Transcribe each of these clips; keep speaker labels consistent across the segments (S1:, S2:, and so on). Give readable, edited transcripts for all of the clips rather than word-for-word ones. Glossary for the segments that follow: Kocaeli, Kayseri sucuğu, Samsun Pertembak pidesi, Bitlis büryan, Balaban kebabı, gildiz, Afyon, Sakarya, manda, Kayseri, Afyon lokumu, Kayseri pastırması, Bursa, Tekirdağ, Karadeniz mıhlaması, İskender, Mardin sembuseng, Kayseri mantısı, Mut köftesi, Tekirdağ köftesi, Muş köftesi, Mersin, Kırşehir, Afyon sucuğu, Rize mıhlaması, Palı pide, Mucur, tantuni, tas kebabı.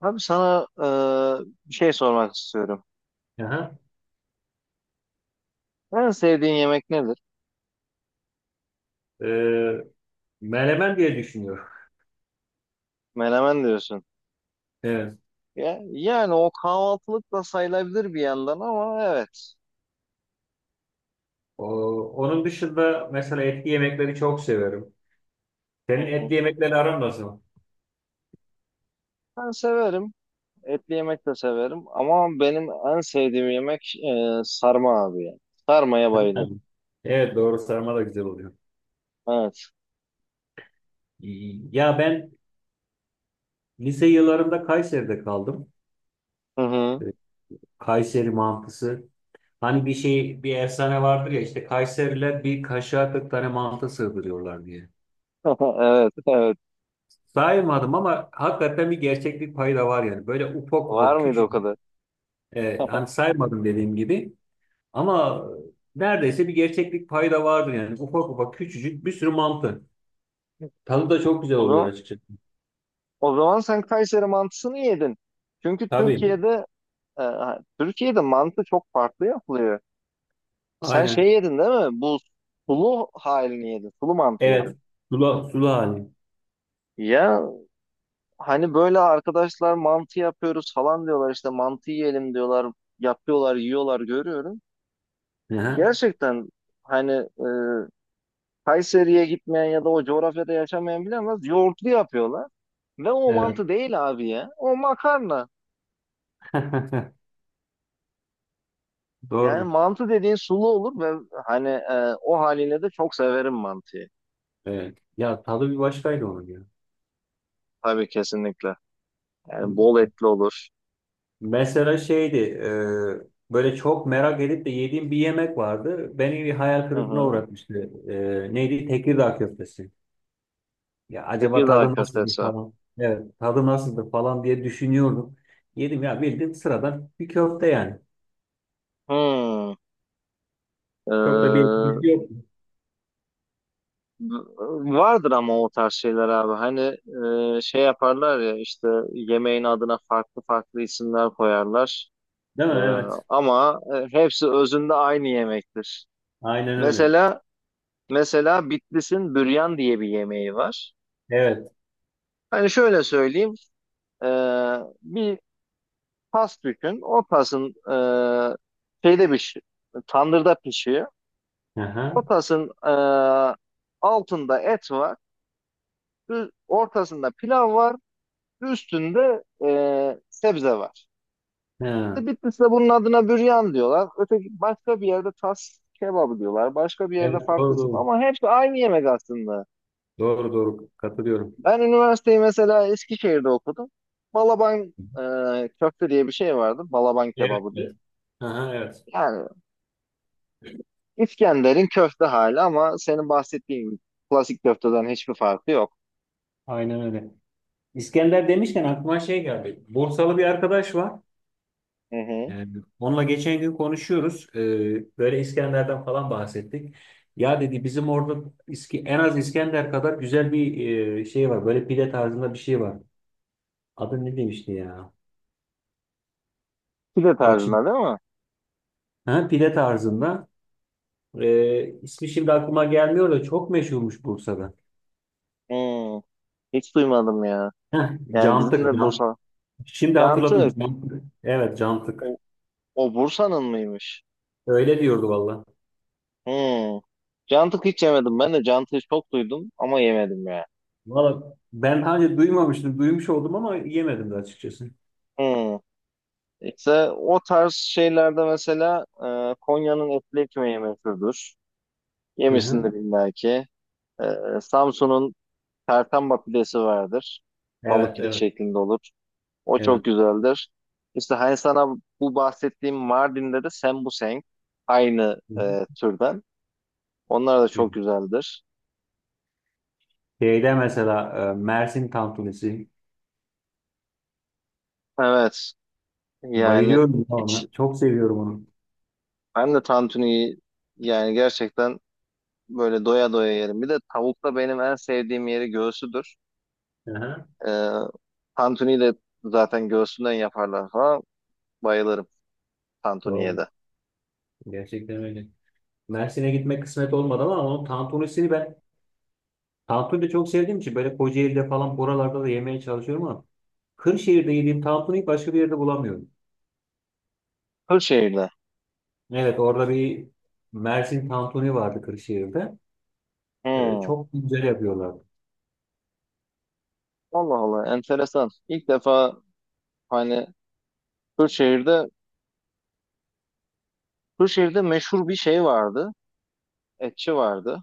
S1: Abi sana bir şey sormak istiyorum.
S2: Aha.
S1: En sevdiğin yemek nedir?
S2: Ee, Menemen diye düşünüyorum.
S1: Menemen diyorsun.
S2: Evet.
S1: Ya, yani o kahvaltılık da sayılabilir bir yandan ama evet.
S2: O, Onun dışında mesela etli yemekleri çok severim.
S1: Hı
S2: Senin
S1: hı.
S2: etli yemekleri aran nasıl?
S1: Ben severim. Etli yemek de severim. Ama benim en sevdiğim yemek sarma abi ya. Sarmaya bayılırım.
S2: Tabii. Evet, doğru, sarma da güzel oluyor.
S1: Evet.
S2: Ya ben lise yıllarında Kayseri'de kaldım.
S1: Hı hı.
S2: Ee, Kayseri mantısı. Hani bir şey, bir efsane vardır ya, işte Kayseriler bir kaşığa 40 tane mantı sığdırıyorlar diye.
S1: Evet, evet.
S2: Saymadım ama hakikaten bir gerçeklik payı da var yani. Böyle ufak
S1: Var
S2: ufak
S1: mıydı o
S2: küçük.
S1: kadar?
S2: Hani saymadım dediğim gibi. Ama neredeyse bir gerçeklik payı da vardır yani. Ufak ufak küçücük bir sürü mantı. Tadı da çok güzel
S1: O
S2: oluyor
S1: zaman,
S2: açıkçası.
S1: o zaman sen Kayseri mantısını yedin. Çünkü
S2: Tabii.
S1: E, Türkiye'de mantı çok farklı yapılıyor. Sen şey
S2: Aynen.
S1: yedin değil mi? Bu sulu halini yedin. Sulu mantı yedin.
S2: Evet. Sulu, sulu hali.
S1: Ya hani böyle arkadaşlar mantı yapıyoruz falan diyorlar işte mantı yiyelim diyorlar. Yapıyorlar, yiyorlar görüyorum.
S2: Hı hı.
S1: Gerçekten hani e, Kayseri'ye gitmeyen ya da o coğrafyada yaşamayan bilemez. Yoğurtlu yapıyorlar. Ve o
S2: Evet.
S1: mantı değil abi ya. O makarna. Yani
S2: Doğrudur.
S1: mantı dediğin sulu olur ve hani o haline de çok severim mantıyı.
S2: Evet. Ya tadı bir başkaydı onun ya.
S1: Tabii kesinlikle. Yani bol etli olur.
S2: Mesela şeydi, böyle çok merak edip de yediğim bir yemek vardı. Beni bir hayal
S1: Hı
S2: kırıklığına
S1: hı.
S2: uğratmıştı. E, neydi? Tekirdağ köftesi. Ya acaba
S1: Tekirdağ
S2: tadı nasıldır
S1: köftesi.
S2: falan. Evet, tadı nasıldır falan diye düşünüyordum. Yedim ya, bildiğin sıradan bir köfte yani.
S1: Hmm.
S2: Çok da bir
S1: Ee,
S2: etkisi yok.
S1: vardır ama o tarz şeyler abi. Hani şey yaparlar ya işte yemeğin adına farklı farklı isimler koyarlar.
S2: Değil
S1: Ee,
S2: mi? Evet.
S1: ama hepsi özünde aynı yemektir.
S2: Aynen öyle.
S1: Mesela mesela Bitlis'in büryan diye bir yemeği var.
S2: Evet.
S1: Hani şöyle söyleyeyim. e, Bir tas düşün. O tasın şeyde bir tandırda pişiyor.
S2: Aha.
S1: Ortasının altında et var. Ortasında pilav var. Üstünde sebze var.
S2: Ha.
S1: İşte Bitlis'te bunun adına büryan diyorlar. Öteki başka bir yerde tas kebabı diyorlar. Başka bir yerde
S2: Evet,
S1: farklı
S2: doğru
S1: isim.
S2: doğru.
S1: Ama hepsi aynı yemek aslında.
S2: Doğru doğru, katılıyorum.
S1: Ben üniversiteyi mesela Eskişehir'de okudum. Balaban köfte diye bir şey vardı. Balaban
S2: Evet,
S1: kebabı
S2: evet.
S1: diye.
S2: Aha, evet.
S1: Yani İskender'in köfte hali ama senin bahsettiğin klasik köfteden hiçbir farkı yok.
S2: Aynen öyle. İskender demişken aklıma şey geldi. Bursalı bir arkadaş var.
S1: Hı hı.
S2: Yani onunla geçen gün konuşuyoruz. Böyle İskender'den falan bahsettik. Ya dedi, bizim orada en az İskender kadar güzel bir şey var. Böyle pide tarzında bir şey var. Adı ne demişti ya?
S1: Pide
S2: Bak şimdi,
S1: tarzında değil mi?
S2: ha, pide tarzında. İsmi şimdi aklıma gelmiyor da çok meşhurmuş Bursa'da.
S1: Hmm, hiç duymadım ya.
S2: Heh,
S1: Yani bizim
S2: cantık.
S1: de
S2: Can.
S1: Bursa.
S2: Şimdi hatırladım.
S1: Cantık.
S2: Cantık. Evet, cantık.
S1: O, o Bursa'nın mıymış?
S2: Öyle diyordu valla.
S1: Hmm. Cantık hiç yemedim. Ben de cantığı çok duydum ama yemedim ya.
S2: Valla ben hani duymamıştım. Duymuş oldum ama yemedim de açıkçası.
S1: Hmm. İşte o tarz şeylerde mesela Konya'nın etli ekmeği meşhurdur.
S2: Hı hı.
S1: Yemişsindir illa ki. E, Samsun'un Pertembak pidesi vardır. Palı
S2: Evet,
S1: pide
S2: evet.
S1: şeklinde olur. O çok güzeldir. İşte hani sana bu bahsettiğim Mardin'de de sembuseng aynı
S2: Evet.
S1: türden. Onlar da çok güzeldir.
S2: Şeyde mesela Mersin tantunisi.
S1: Evet. Yani
S2: Bayılıyorum ya
S1: hiç
S2: ona. Çok seviyorum onu.
S1: ben de tantuniyi yani gerçekten böyle doya doya yerim. Bir de tavukta benim en sevdiğim yeri göğsüdür.
S2: Aha,
S1: Ee, tantuniyi de zaten göğsünden yaparlar falan. Bayılırım tantuniye
S2: doğru.
S1: de.
S2: Gerçekten öyle. Mersin'e gitmek kısmet olmadı ama onun tantunisini ben, tantuni de çok sevdiğim için, böyle Kocaeli'de falan buralarda da yemeye çalışıyorum ama Kırşehir'de yediğim tantuniyi başka bir yerde bulamıyorum.
S1: Kırşehir'de.
S2: Evet, orada bir Mersin tantuni vardı Kırşehir'de. E,
S1: Hmm.
S2: çok güzel yapıyorlardı.
S1: Allah Allah enteresan. İlk defa hani Kırşehir'de Kırşehir'de meşhur bir şey vardı. Etçi vardı.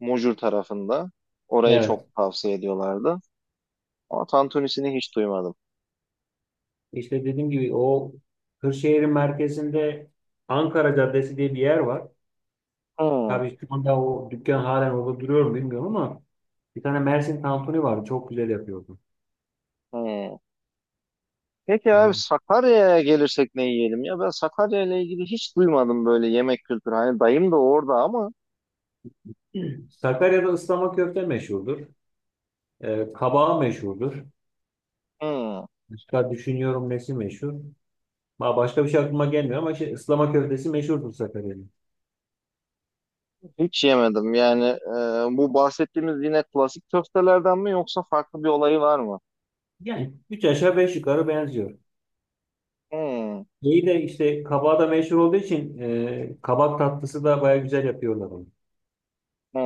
S1: Mucur tarafında. Orayı çok
S2: Evet.
S1: tavsiye ediyorlardı. Ama tantunisini hiç duymadım.
S2: İşte dediğim gibi, o Kırşehir'in merkezinde Ankara Caddesi diye bir yer var.
S1: Hı,
S2: Tabii şu anda o dükkan halen orada duruyor mu bilmiyorum ama bir tane Mersin tantuni vardı. Çok güzel yapıyordu.
S1: hı. Peki abi
S2: Yani.
S1: Sakarya'ya gelirsek ne yiyelim ya? Ben Sakarya ile ilgili hiç duymadım böyle yemek kültürü. Hani dayım da orada ama
S2: Sakarya'da ıslama köfte meşhurdur. Kabağı meşhurdur.
S1: hı,
S2: Başka düşünüyorum nesi meşhur. Başka bir şey aklıma gelmiyor ama şey, ıslama köftesi meşhurdur Sakarya'nın.
S1: hiç yemedim. Yani bu bahsettiğimiz yine klasik köftelerden mi yoksa farklı bir olayı var mı?
S2: Yani üç aşağı beş yukarı benziyor.
S1: Hı,
S2: İyi de işte kabağı da meşhur olduğu için kabak tatlısı da baya güzel yapıyorlar onu.
S1: hı.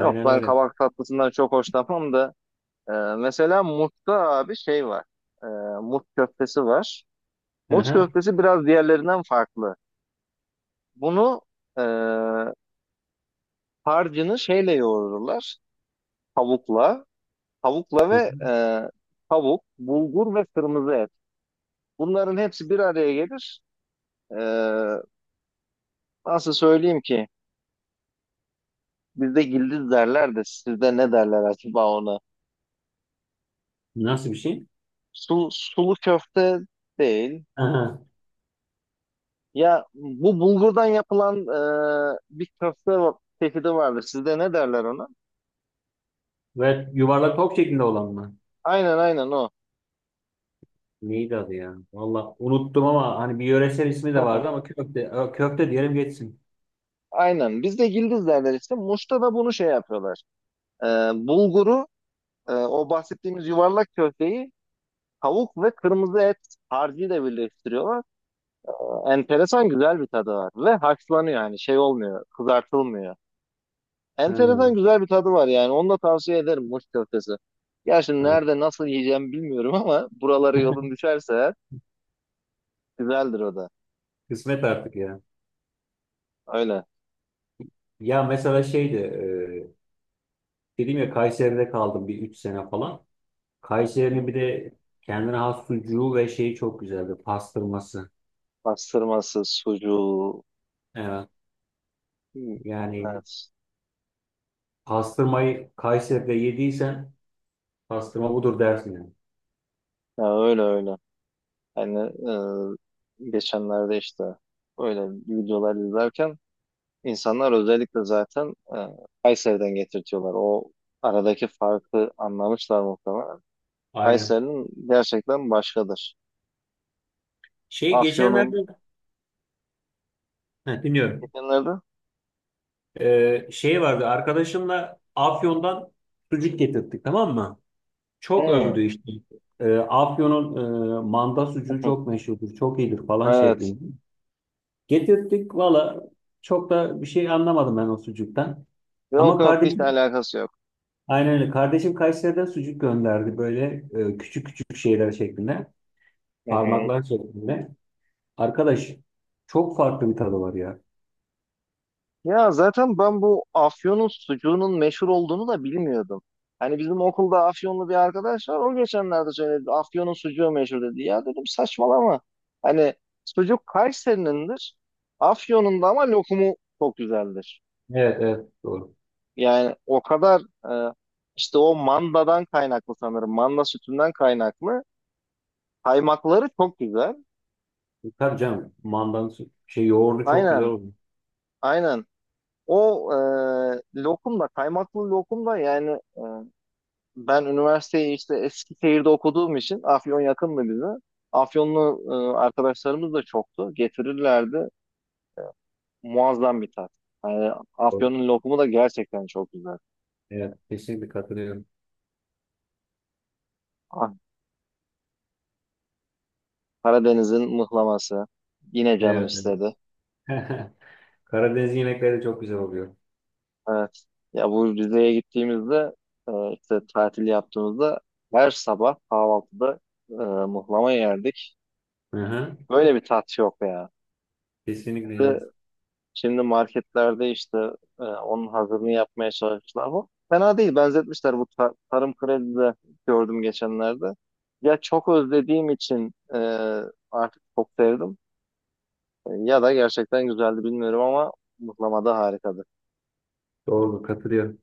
S1: Yok ben
S2: öyle.
S1: kabak tatlısından çok hoşlanmam da e, mesela Mut'ta abi şey var. E, Mut köftesi var.
S2: Hı
S1: Mut
S2: hı.
S1: köftesi biraz diğerlerinden farklı. Bunu e, harcını şeyle yoğururlar. Tavukla, tavukla
S2: Hı hı.
S1: ve tavuk, bulgur ve kırmızı et. Bunların hepsi bir araya gelir. E, nasıl söyleyeyim ki? Bizde gildiz derler de sizde ne derler acaba ona?
S2: Nasıl bir şey?
S1: Sulu köfte değil.
S2: Hı hı.
S1: Ya bu bulgurdan yapılan bir çeşidi vardır. Sizde ne derler ona?
S2: Ve yuvarlak top şeklinde olan mı?
S1: Aynen aynen o.
S2: Neydi adı ya? Valla unuttum ama hani bir yöresel ismi de vardı ama köfte, Ö, köfte diyelim geçsin.
S1: Aynen. Bizde gildiz derler işte. Muş'ta da bunu şey yapıyorlar. E, bulguru, o bahsettiğimiz yuvarlak köfteyi tavuk ve kırmızı et harcıyla birleştiriyorlar. Enteresan güzel bir tadı var. Ve haşlanıyor yani şey olmuyor, kızartılmıyor.
S2: Ha,
S1: Enteresan güzel bir tadı var yani. Onu da tavsiye ederim Muş köftesi. Gerçi
S2: ha.
S1: nerede nasıl yiyeceğim bilmiyorum ama buraları yolun düşerse eğer, güzeldir o da.
S2: Kısmet artık ya.
S1: Öyle.
S2: Ya mesela şeydi, dedim ya, Kayseri'de kaldım bir 3 sene falan. Kayseri'nin bir de kendine has sucuğu ve şeyi çok güzeldi, pastırması.
S1: Pastırması, sucuğu.
S2: Evet.
S1: Hmm,
S2: Yani
S1: evet.
S2: pastırmayı Kayseri'de yediysen pastırma budur dersin yani.
S1: Ya öyle öyle. Yani geçenlerde işte öyle videolar izlerken İnsanlar özellikle zaten Kayseri'den getirtiyorlar. O aradaki farkı anlamışlar muhtemelen.
S2: Aynen.
S1: Kayseri'nin gerçekten başkadır.
S2: Şey
S1: Afyon'un
S2: geçenlerde, heh, dinliyorum.
S1: geçenlerde.
S2: Şey vardı, arkadaşımla Afyon'dan sucuk getirttik, tamam mı? Çok
S1: Hı.
S2: övdü işte. Afyon'un manda sucuğu çok meşhurdur, çok iyidir falan
S1: Evet.
S2: şeklinde. Getirttik valla, çok da bir şey anlamadım ben o sucuktan.
S1: Yok
S2: Ama
S1: yok hiç
S2: kardeşim,
S1: alakası yok.
S2: aynen öyle. Kardeşim Kayseri'den sucuk gönderdi, böyle küçük küçük şeyler şeklinde.
S1: Hı hı.
S2: Parmaklar şeklinde. Arkadaş, çok farklı bir tadı var ya.
S1: Ya zaten ben bu Afyon'un sucuğunun meşhur olduğunu da bilmiyordum. Hani bizim okulda Afyonlu bir arkadaş var. O geçenlerde söyledi. Afyon'un sucuğu meşhur dedi. Ya dedim saçmalama. Hani sucuk Kayseri'nindir. Afyon'un da ama lokumu çok güzeldir.
S2: Evet evet, doğru.
S1: Yani o kadar e, işte o mandadan kaynaklı sanırım. Manda sütünden kaynaklı. Kaymakları çok güzel.
S2: Tabii canım, mandanın şey yoğurdu çok güzel
S1: Aynen.
S2: oldu.
S1: Aynen. O lokum da kaymaklı lokum da yani e, ben üniversiteyi işte Eskişehir'de okuduğum için Afyon yakındı bize. Afyonlu arkadaşlarımız da çoktu. Getirirlerdi. Muazzam bir tat. Yani Afyon'un lokumu da gerçekten çok güzel.
S2: Evet, kesinlikle katılıyorum.
S1: Ah, Karadeniz'in mıhlaması. Yine canım
S2: Evet, evet.
S1: istedi.
S2: Karadeniz yemekleri de çok güzel oluyor.
S1: Evet. Ya bu Rize'ye gittiğimizde işte tatil yaptığımızda her sabah kahvaltıda mıhlama yerdik.
S2: Hı hı.
S1: Böyle bir tat yok ya.
S2: Kesinlikle evet.
S1: Şimdi marketlerde işte onun hazırını yapmaya çalışmışlar bu. Fena değil benzetmişler bu tarım kredide gördüm geçenlerde. Ya çok özlediğim için artık çok sevdim. E, ya da gerçekten güzeldi bilmiyorum ama mıhlamada harika
S2: Doğru, katılıyorum.